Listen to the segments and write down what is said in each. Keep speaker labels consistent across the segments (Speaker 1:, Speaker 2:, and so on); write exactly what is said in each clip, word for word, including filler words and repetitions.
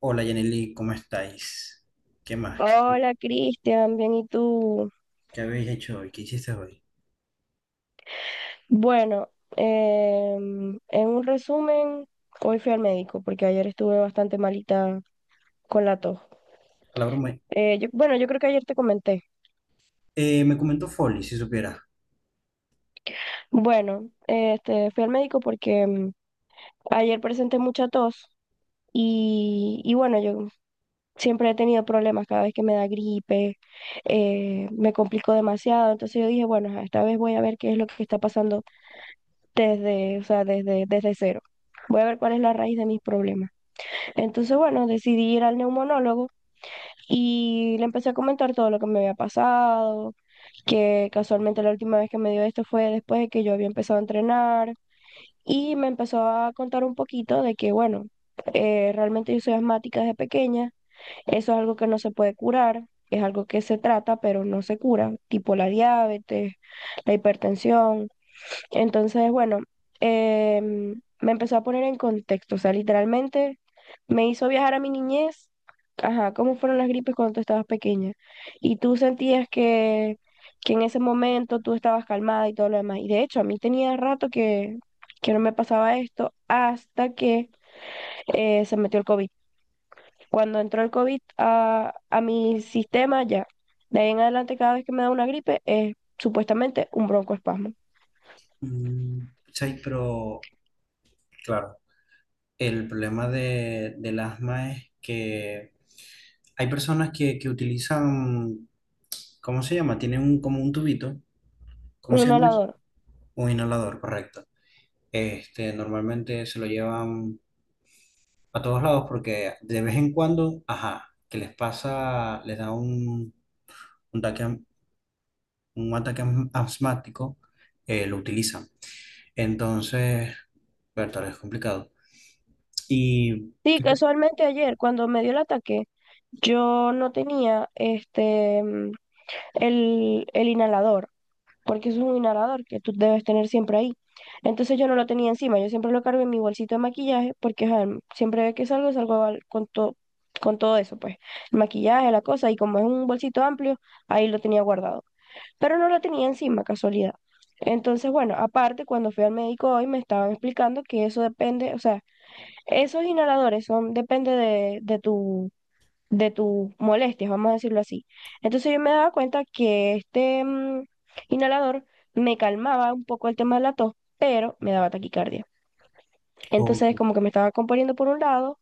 Speaker 1: Hola Yaneli, ¿cómo estáis? ¿Qué más? ¿Qué,
Speaker 2: Hola Cristian, bien, ¿y tú?
Speaker 1: ¿qué habéis hecho hoy? ¿Qué hiciste hoy?
Speaker 2: Bueno, em, en un resumen, hoy fui al médico porque ayer estuve bastante malita con la tos.
Speaker 1: La broma.
Speaker 2: Eh, yo- bueno, yo creo que ayer te comenté.
Speaker 1: Eh, me comentó Folly, si supiera.
Speaker 2: Bueno, este, fui al médico porque em, ayer presenté mucha tos y, y bueno, yo siempre he tenido problemas cada vez que me da gripe, eh, me complico demasiado, entonces yo dije, bueno, ajá, esta vez voy a ver qué es lo que está pasando desde, o sea, desde, desde cero. Voy a ver cuál es la raíz de mis problemas. Entonces, bueno, decidí ir al neumonólogo y le empecé a comentar todo lo que me había pasado, que casualmente la última vez que me dio esto fue después de que yo había empezado a entrenar y me empezó a contar un poquito de que, bueno, eh, realmente yo soy asmática desde pequeña, eso es algo que no se puede curar. Es algo que se trata, pero no se cura, tipo la diabetes, la hipertensión. Entonces, bueno, em, me empezó a poner en contexto, o sea, literalmente me hizo viajar a mi niñez, ajá, cómo fueron las gripes cuando tú estabas pequeña. Y tú sentías que, que en ese momento tú estabas calmada y todo lo demás. Y de hecho, a mí tenía rato que, que no me pasaba esto hasta que eh, se metió el COVID. Cuando entró el COVID a, a mi sistema, ya. De ahí en adelante, cada vez que me da una gripe, es supuestamente un broncoespasmo.
Speaker 1: Mm, sí, pero claro, el problema de, del asma es que hay personas que, que utilizan, ¿cómo se llama? Tienen un, como un tubito, ¿cómo
Speaker 2: Un
Speaker 1: se llama eso?
Speaker 2: inhalador.
Speaker 1: Un inhalador, correcto. Este, normalmente se lo llevan a todos lados porque de vez en cuando, ajá, que les pasa, les da un, un ataque, un ataque asm- asmático, eh, lo utilizan. Entonces, verdad, es complicado. Y,
Speaker 2: Sí,
Speaker 1: ¿qué te-
Speaker 2: casualmente ayer, cuando me dio el ataque, yo no tenía este mm, el, el inhalador, porque eso es un inhalador que tú debes tener siempre ahí. Entonces yo no lo tenía encima, yo siempre lo cargo en mi bolsito de maquillaje, porque ajá, mm, siempre que salgo, salgo al- con todo, con todo eso, pues, el maquillaje, la cosa, y como es un bolsito amplio, ahí lo tenía guardado. Pero no lo tenía encima, casualidad. Entonces, bueno, aparte, cuando fui al médico hoy, me estaban explicando que eso depende, o sea, esos inhaladores son, depende de, de tu, de tus molestias, vamos a decirlo así. Entonces yo me daba cuenta que este mm, inhalador me calmaba un poco el tema de la tos, pero me daba taquicardia.
Speaker 1: o-
Speaker 2: Entonces como que me estaba componiendo por un lado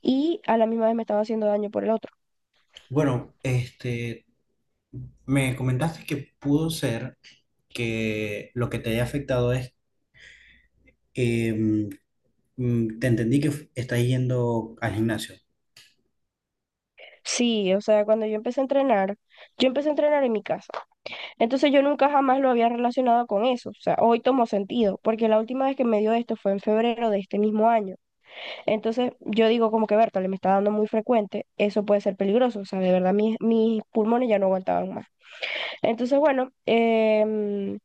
Speaker 2: y a la misma vez me estaba haciendo daño por el otro.
Speaker 1: bueno, este, me comentaste que pudo ser que lo que te haya afectado es, eh, mm, mm, te entendí que f- estás yendo al gimnasio,
Speaker 2: Sí, o sea, cuando yo empecé a entrenar, yo empecé a entrenar en mi casa. Entonces yo nunca jamás lo había relacionado con eso. O sea, hoy tomó sentido, porque la última vez que me dio esto fue en febrero de este mismo año. Entonces yo digo como que Bertale me está dando muy frecuente, eso puede ser peligroso, o sea, de verdad mis, mis pulmones ya no aguantaban más. Entonces, bueno, em,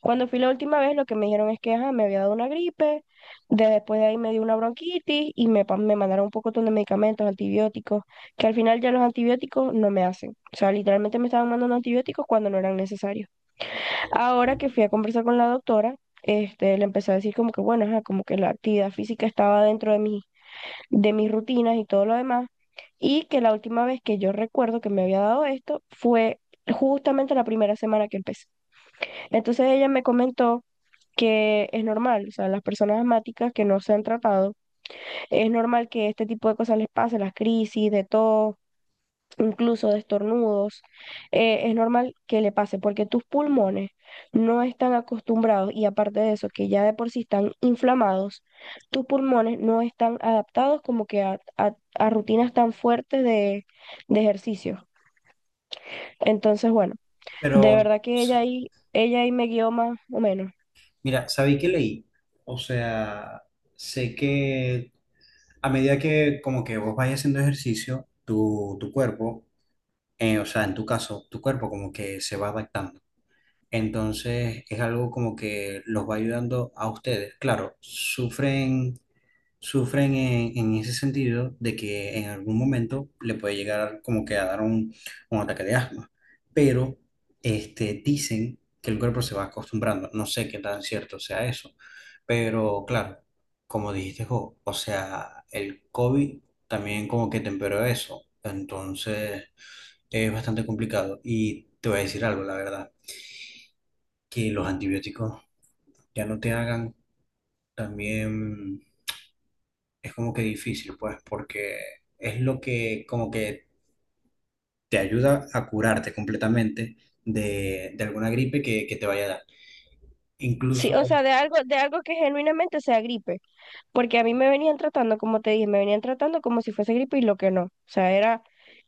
Speaker 2: cuando fui la última vez lo que me dijeron es que ajá, me había dado una gripe, de- después de ahí me dio una bronquitis y me, pa- me mandaron un pocotón de medicamentos, antibióticos, que al final ya los antibióticos no me hacen. O sea, literalmente me estaban mandando antibióticos cuando no eran necesarios. Ahora que fui a conversar con la doctora, este, le empecé a decir como que bueno, ajá, como que la actividad física estaba dentro de mis de mis rutinas y todo lo demás. Y que la última vez que yo recuerdo que me había dado esto fue justamente la primera semana que empecé. Entonces ella me comentó que es normal, o sea, las personas asmáticas que no se han tratado, es normal que este tipo de cosas les pase, las crisis, de todo, incluso de estornudos, eh, es normal que le pase porque tus pulmones no están acostumbrados y aparte de eso, que ya de por sí están inflamados, tus pulmones no están adaptados como que a, a- a rutinas tan fuertes de, de ejercicio. Entonces, bueno, de
Speaker 1: pero,
Speaker 2: verdad que ella
Speaker 1: s-
Speaker 2: ahí, ella ahí me guió más o menos.
Speaker 1: mira, ¿sabéis qué leí? O sea, sé que a medida que como que vos vayas haciendo ejercicio, tu, tu cuerpo eh, o sea, en tu caso, tu cuerpo como que se va adaptando. Entonces es algo como que los va ayudando a ustedes. Claro, sufren, sufren en, en ese sentido de que en algún momento le puede llegar como que a dar un, un ataque de asma, pero este, dicen que el cuerpo se va acostumbrando. No sé qué tan cierto sea eso, pero claro, como dijiste, Jo, o sea, el COVID también como que temperó eso. Entonces... Es bastante complicado y te voy a decir algo, la verdad, que los antibióticos ya no te hagan, también es como que difícil, pues, porque es lo que como que te ayuda a curarte completamente de, de alguna gripe que, que te vaya a dar.
Speaker 2: Sí,
Speaker 1: Incluso,
Speaker 2: o sea, de algo, de algo que genuinamente sea gripe, porque a mí me venían tratando, como te dije, me venían tratando como si fuese gripe y lo que no, o sea, era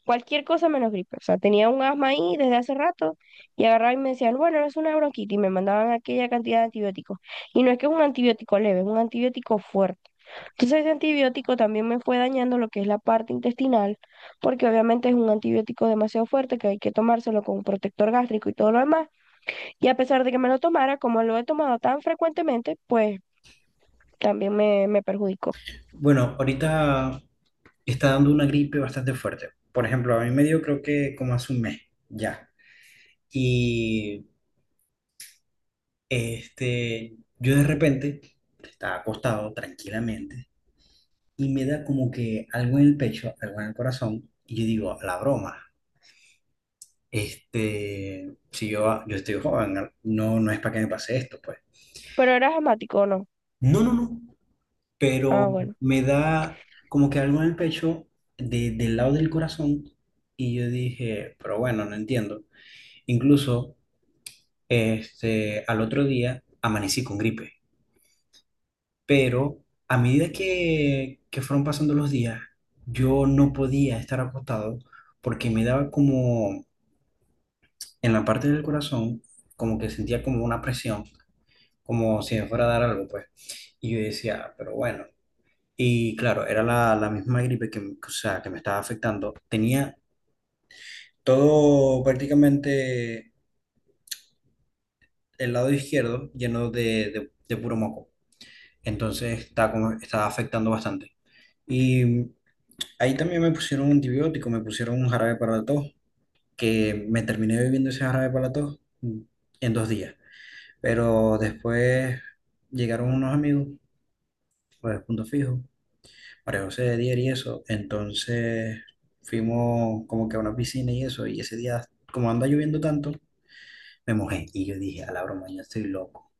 Speaker 2: cualquier cosa menos gripe. O sea, tenía un asma ahí desde hace rato y agarraban y me decían, bueno, es una bronquitis y me mandaban aquella cantidad de antibióticos. Y no es que es un antibiótico leve, es un antibiótico fuerte. Entonces ese antibiótico también me fue dañando lo que es la parte intestinal, porque obviamente es un antibiótico demasiado fuerte que hay que tomárselo con un protector gástrico y todo lo demás. Y a pesar de que me lo tomara, como lo he tomado tan frecuentemente, pues también me, me perjudicó.
Speaker 1: bueno, ahorita está dando una gripe bastante fuerte. Por ejemplo, a mí me dio creo que como hace un mes ya. Y este, yo de repente estaba acostado tranquilamente y me da como que algo en el pecho, algo en el corazón, y yo digo, la broma, este, si yo, yo estoy joven, no, no es para que me pase esto, pues.
Speaker 2: Pero eras asmático o no.
Speaker 1: No, no, no, pero
Speaker 2: Ah, bueno.
Speaker 1: me da como que algo en el pecho, de- del lado del corazón, y yo dije, pero bueno, no entiendo. Incluso, este, al otro día amanecí con gripe, pero a medida que, que fueron pasando los días, yo no podía estar acostado porque me daba como en la parte del corazón, como que sentía como una presión, como si me fuera a dar algo, pues. Y yo decía, "Ah, pero bueno". Y claro, era la, la misma gripe que, me- o sea, que me estaba afectando. Tenía todo prácticamente el lado izquierdo lleno de, de, de puro moco. Entonces está como, estaba afectando bastante. Y ahí también me pusieron un antibiótico, me pusieron un jarabe para la tos, que me terminé bebiendo ese jarabe para la tos en dos días. Pero después llegaron unos amigos, los de Punto Fijo, María José de Dier y eso. Entonces fuimos como que a una piscina y eso. Y ese día, como anda lloviendo tanto, me mojé. Y yo dije, a la broma, yo estoy loco.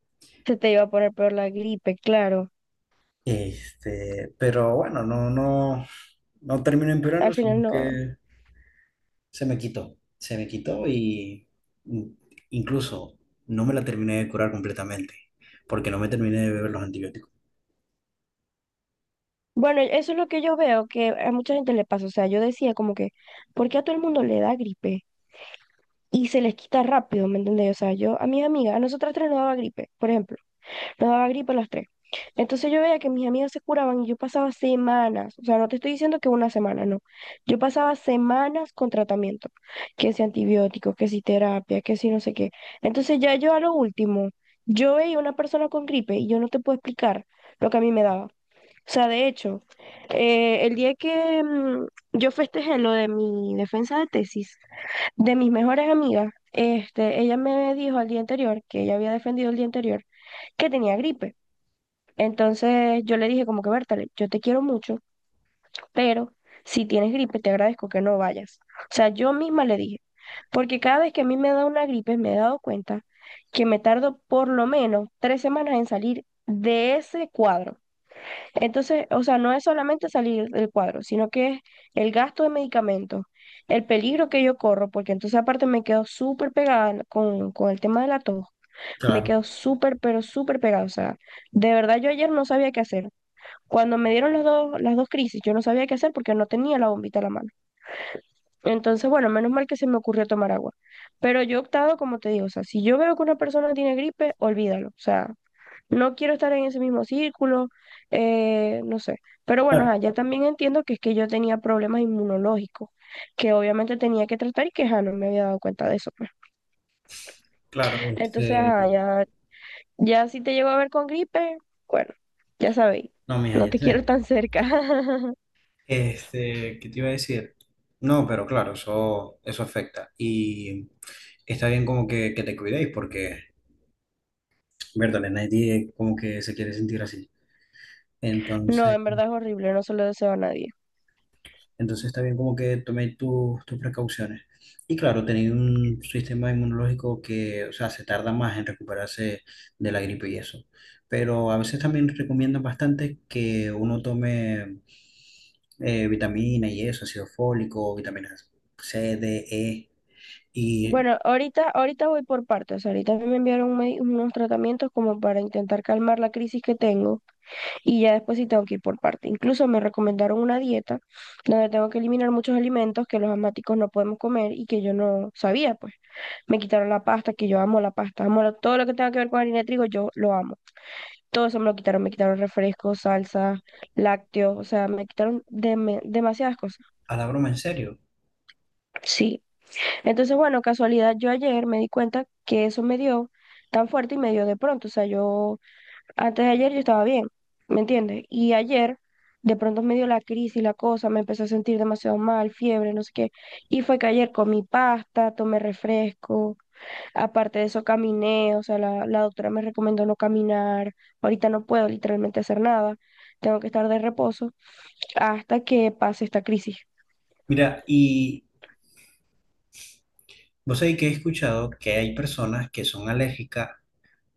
Speaker 2: Se te iba a poner peor la gripe, claro.
Speaker 1: Este, pero bueno, no, no, no terminó
Speaker 2: Al
Speaker 1: empeorando,
Speaker 2: final
Speaker 1: sino
Speaker 2: no.
Speaker 1: que se me quitó. Se me quitó y in- incluso no me la terminé de curar completamente, porque no me terminé de beber los antibióticos.
Speaker 2: Bueno, eso es lo que yo veo que a mucha gente le pasa. O sea, yo decía como que, ¿por qué a todo el mundo le da gripe? Y se les quita rápido, ¿me entendés? O sea, yo a mis amigas, a nosotras tres nos daba gripe, por ejemplo, nos daba gripe a las tres. Entonces yo veía que mis amigas se curaban y yo pasaba semanas, o sea, no te estoy diciendo que una semana, no. Yo pasaba semanas con tratamiento, que si antibióticos, que si terapia, que si no sé qué. Entonces ya yo a lo último, yo veía una persona con gripe y yo no te puedo explicar lo que a mí me daba. O sea, de hecho, eh, el día que mm, yo festejé lo de mi defensa de tesis, de mis mejores amigas, este, ella me dijo al día anterior, que ella había defendido el día anterior, que tenía gripe. Entonces yo le dije como que, Bertale, yo te quiero mucho, pero si tienes gripe, te agradezco que no vayas. O sea, yo misma le dije, porque cada vez que a mí me da una gripe, me he dado cuenta que me tardo por lo menos tres semanas en salir de ese cuadro. Entonces, o sea, no es solamente salir del cuadro, sino que es el gasto de medicamentos, el peligro que yo corro, porque entonces aparte me quedo súper pegada con, con el tema de la tos, me
Speaker 1: Claro,
Speaker 2: quedo súper, pero súper pegada. O sea, de verdad yo ayer no sabía qué hacer. Cuando me dieron los dos, las dos crisis, yo no sabía qué hacer porque no tenía la bombita a la mano. Entonces, bueno, menos mal que se me ocurrió tomar agua. Pero yo he optado, como te digo, o sea, si yo veo que una persona tiene gripe, olvídalo. O sea, no quiero estar en ese mismo círculo, eh, no sé. Pero bueno,
Speaker 1: claro,
Speaker 2: ajá, ya también entiendo que es que yo tenía problemas inmunológicos, que obviamente tenía que tratar y que ajá, no me había dado cuenta de eso. pues.
Speaker 1: claro,
Speaker 2: Entonces,
Speaker 1: este,
Speaker 2: ajá, ya, ya si te llego a ver con gripe, bueno, ya sabéis,
Speaker 1: no, mija,
Speaker 2: no
Speaker 1: ya
Speaker 2: te quiero
Speaker 1: tenemos.
Speaker 2: tan cerca.
Speaker 1: Este, ¿qué te iba a decir? No, pero claro, eso, eso afecta. Y está bien como que, que te cuidéis porque, verdad, nadie como que se quiere sentir así.
Speaker 2: No,
Speaker 1: Entonces,
Speaker 2: en verdad es horrible, no se lo deseo a nadie.
Speaker 1: entonces también como que tomé tu- tus precauciones. Y claro, tener un sistema inmunológico que, o sea, se tarda más en recuperarse de la gripe y eso. Pero a veces también recomiendan bastante que uno tome eh, vitamina y eso, ácido fólico, vitaminas ce, de, e. Y
Speaker 2: Bueno, ahorita, ahorita voy por partes. Ahorita me enviaron un medi- unos tratamientos como para intentar calmar la crisis que tengo. Y ya después sí tengo que ir por parte. Incluso me recomendaron una dieta donde tengo que eliminar muchos alimentos que los asmáticos no podemos comer y que yo no sabía, pues. Me quitaron la pasta, que yo amo la pasta, amo lo- todo lo que tenga que ver con harina de trigo, yo lo amo. Todo eso me lo quitaron, me quitaron refrescos, salsas, lácteos, o sea, me quitaron deme- demasiadas cosas.
Speaker 1: a la broma, en serio.
Speaker 2: Sí. Entonces, bueno, casualidad, yo ayer me di cuenta que eso me dio tan fuerte y me dio de pronto, o sea, yo antes de ayer yo estaba bien, ¿me entiendes? Y ayer de pronto me dio la crisis, la cosa, me empecé a sentir demasiado mal, fiebre, no sé qué. Y fue que ayer comí pasta, tomé refresco, aparte de eso caminé, o sea, la, la doctora me recomendó no caminar, ahorita no puedo literalmente hacer nada, tengo que estar de reposo hasta que pase esta crisis.
Speaker 1: Mira, y vos sabés que he escuchado que hay personas que son alérgicas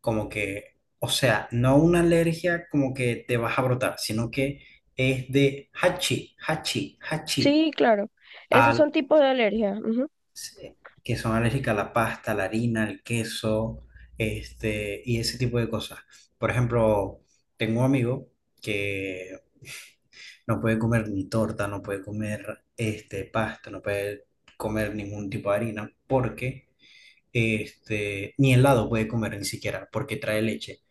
Speaker 1: como que, o sea, no una alergia como que te vas a brotar, sino que es de hachi, hachi, hachi,
Speaker 2: Sí, claro, esos
Speaker 1: al,
Speaker 2: son tipos de alergia. Ujú.
Speaker 1: se- que son alérgicas a la pasta, a la harina, el queso, este, y ese tipo de cosas. Por ejemplo, tengo un amigo que no puede comer ni torta, no puede comer este, pasta, no puede comer ningún tipo de harina, porque este, ni helado puede comer ni siquiera, porque trae leche.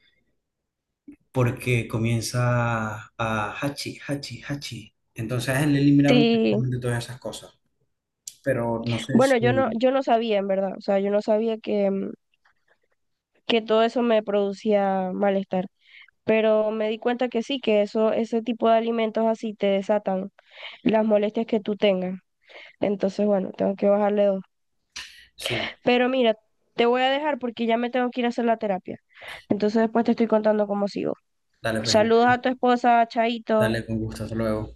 Speaker 1: Porque comienza a hachi, hachi, hachi. Entonces a él le eliminaron
Speaker 2: Sí,
Speaker 1: prácticamente todas esas cosas. Pero no sé
Speaker 2: bueno, yo no,
Speaker 1: si...
Speaker 2: yo no sabía, en verdad. O sea, yo no sabía que, mm, que todo eso me producía malestar. Pero me di cuenta que sí, que eso, ese tipo de alimentos así te desatan las molestias que tú tengas. Entonces, bueno, tengo que bajarle dos.
Speaker 1: Sí,
Speaker 2: Pero mira, te voy a dejar porque ya me tengo que ir a hacer la terapia. Entonces después te estoy contando cómo sigo.
Speaker 1: dale, pues,
Speaker 2: Saludos a tu esposa, Chaito.
Speaker 1: dale con gusto, hasta luego.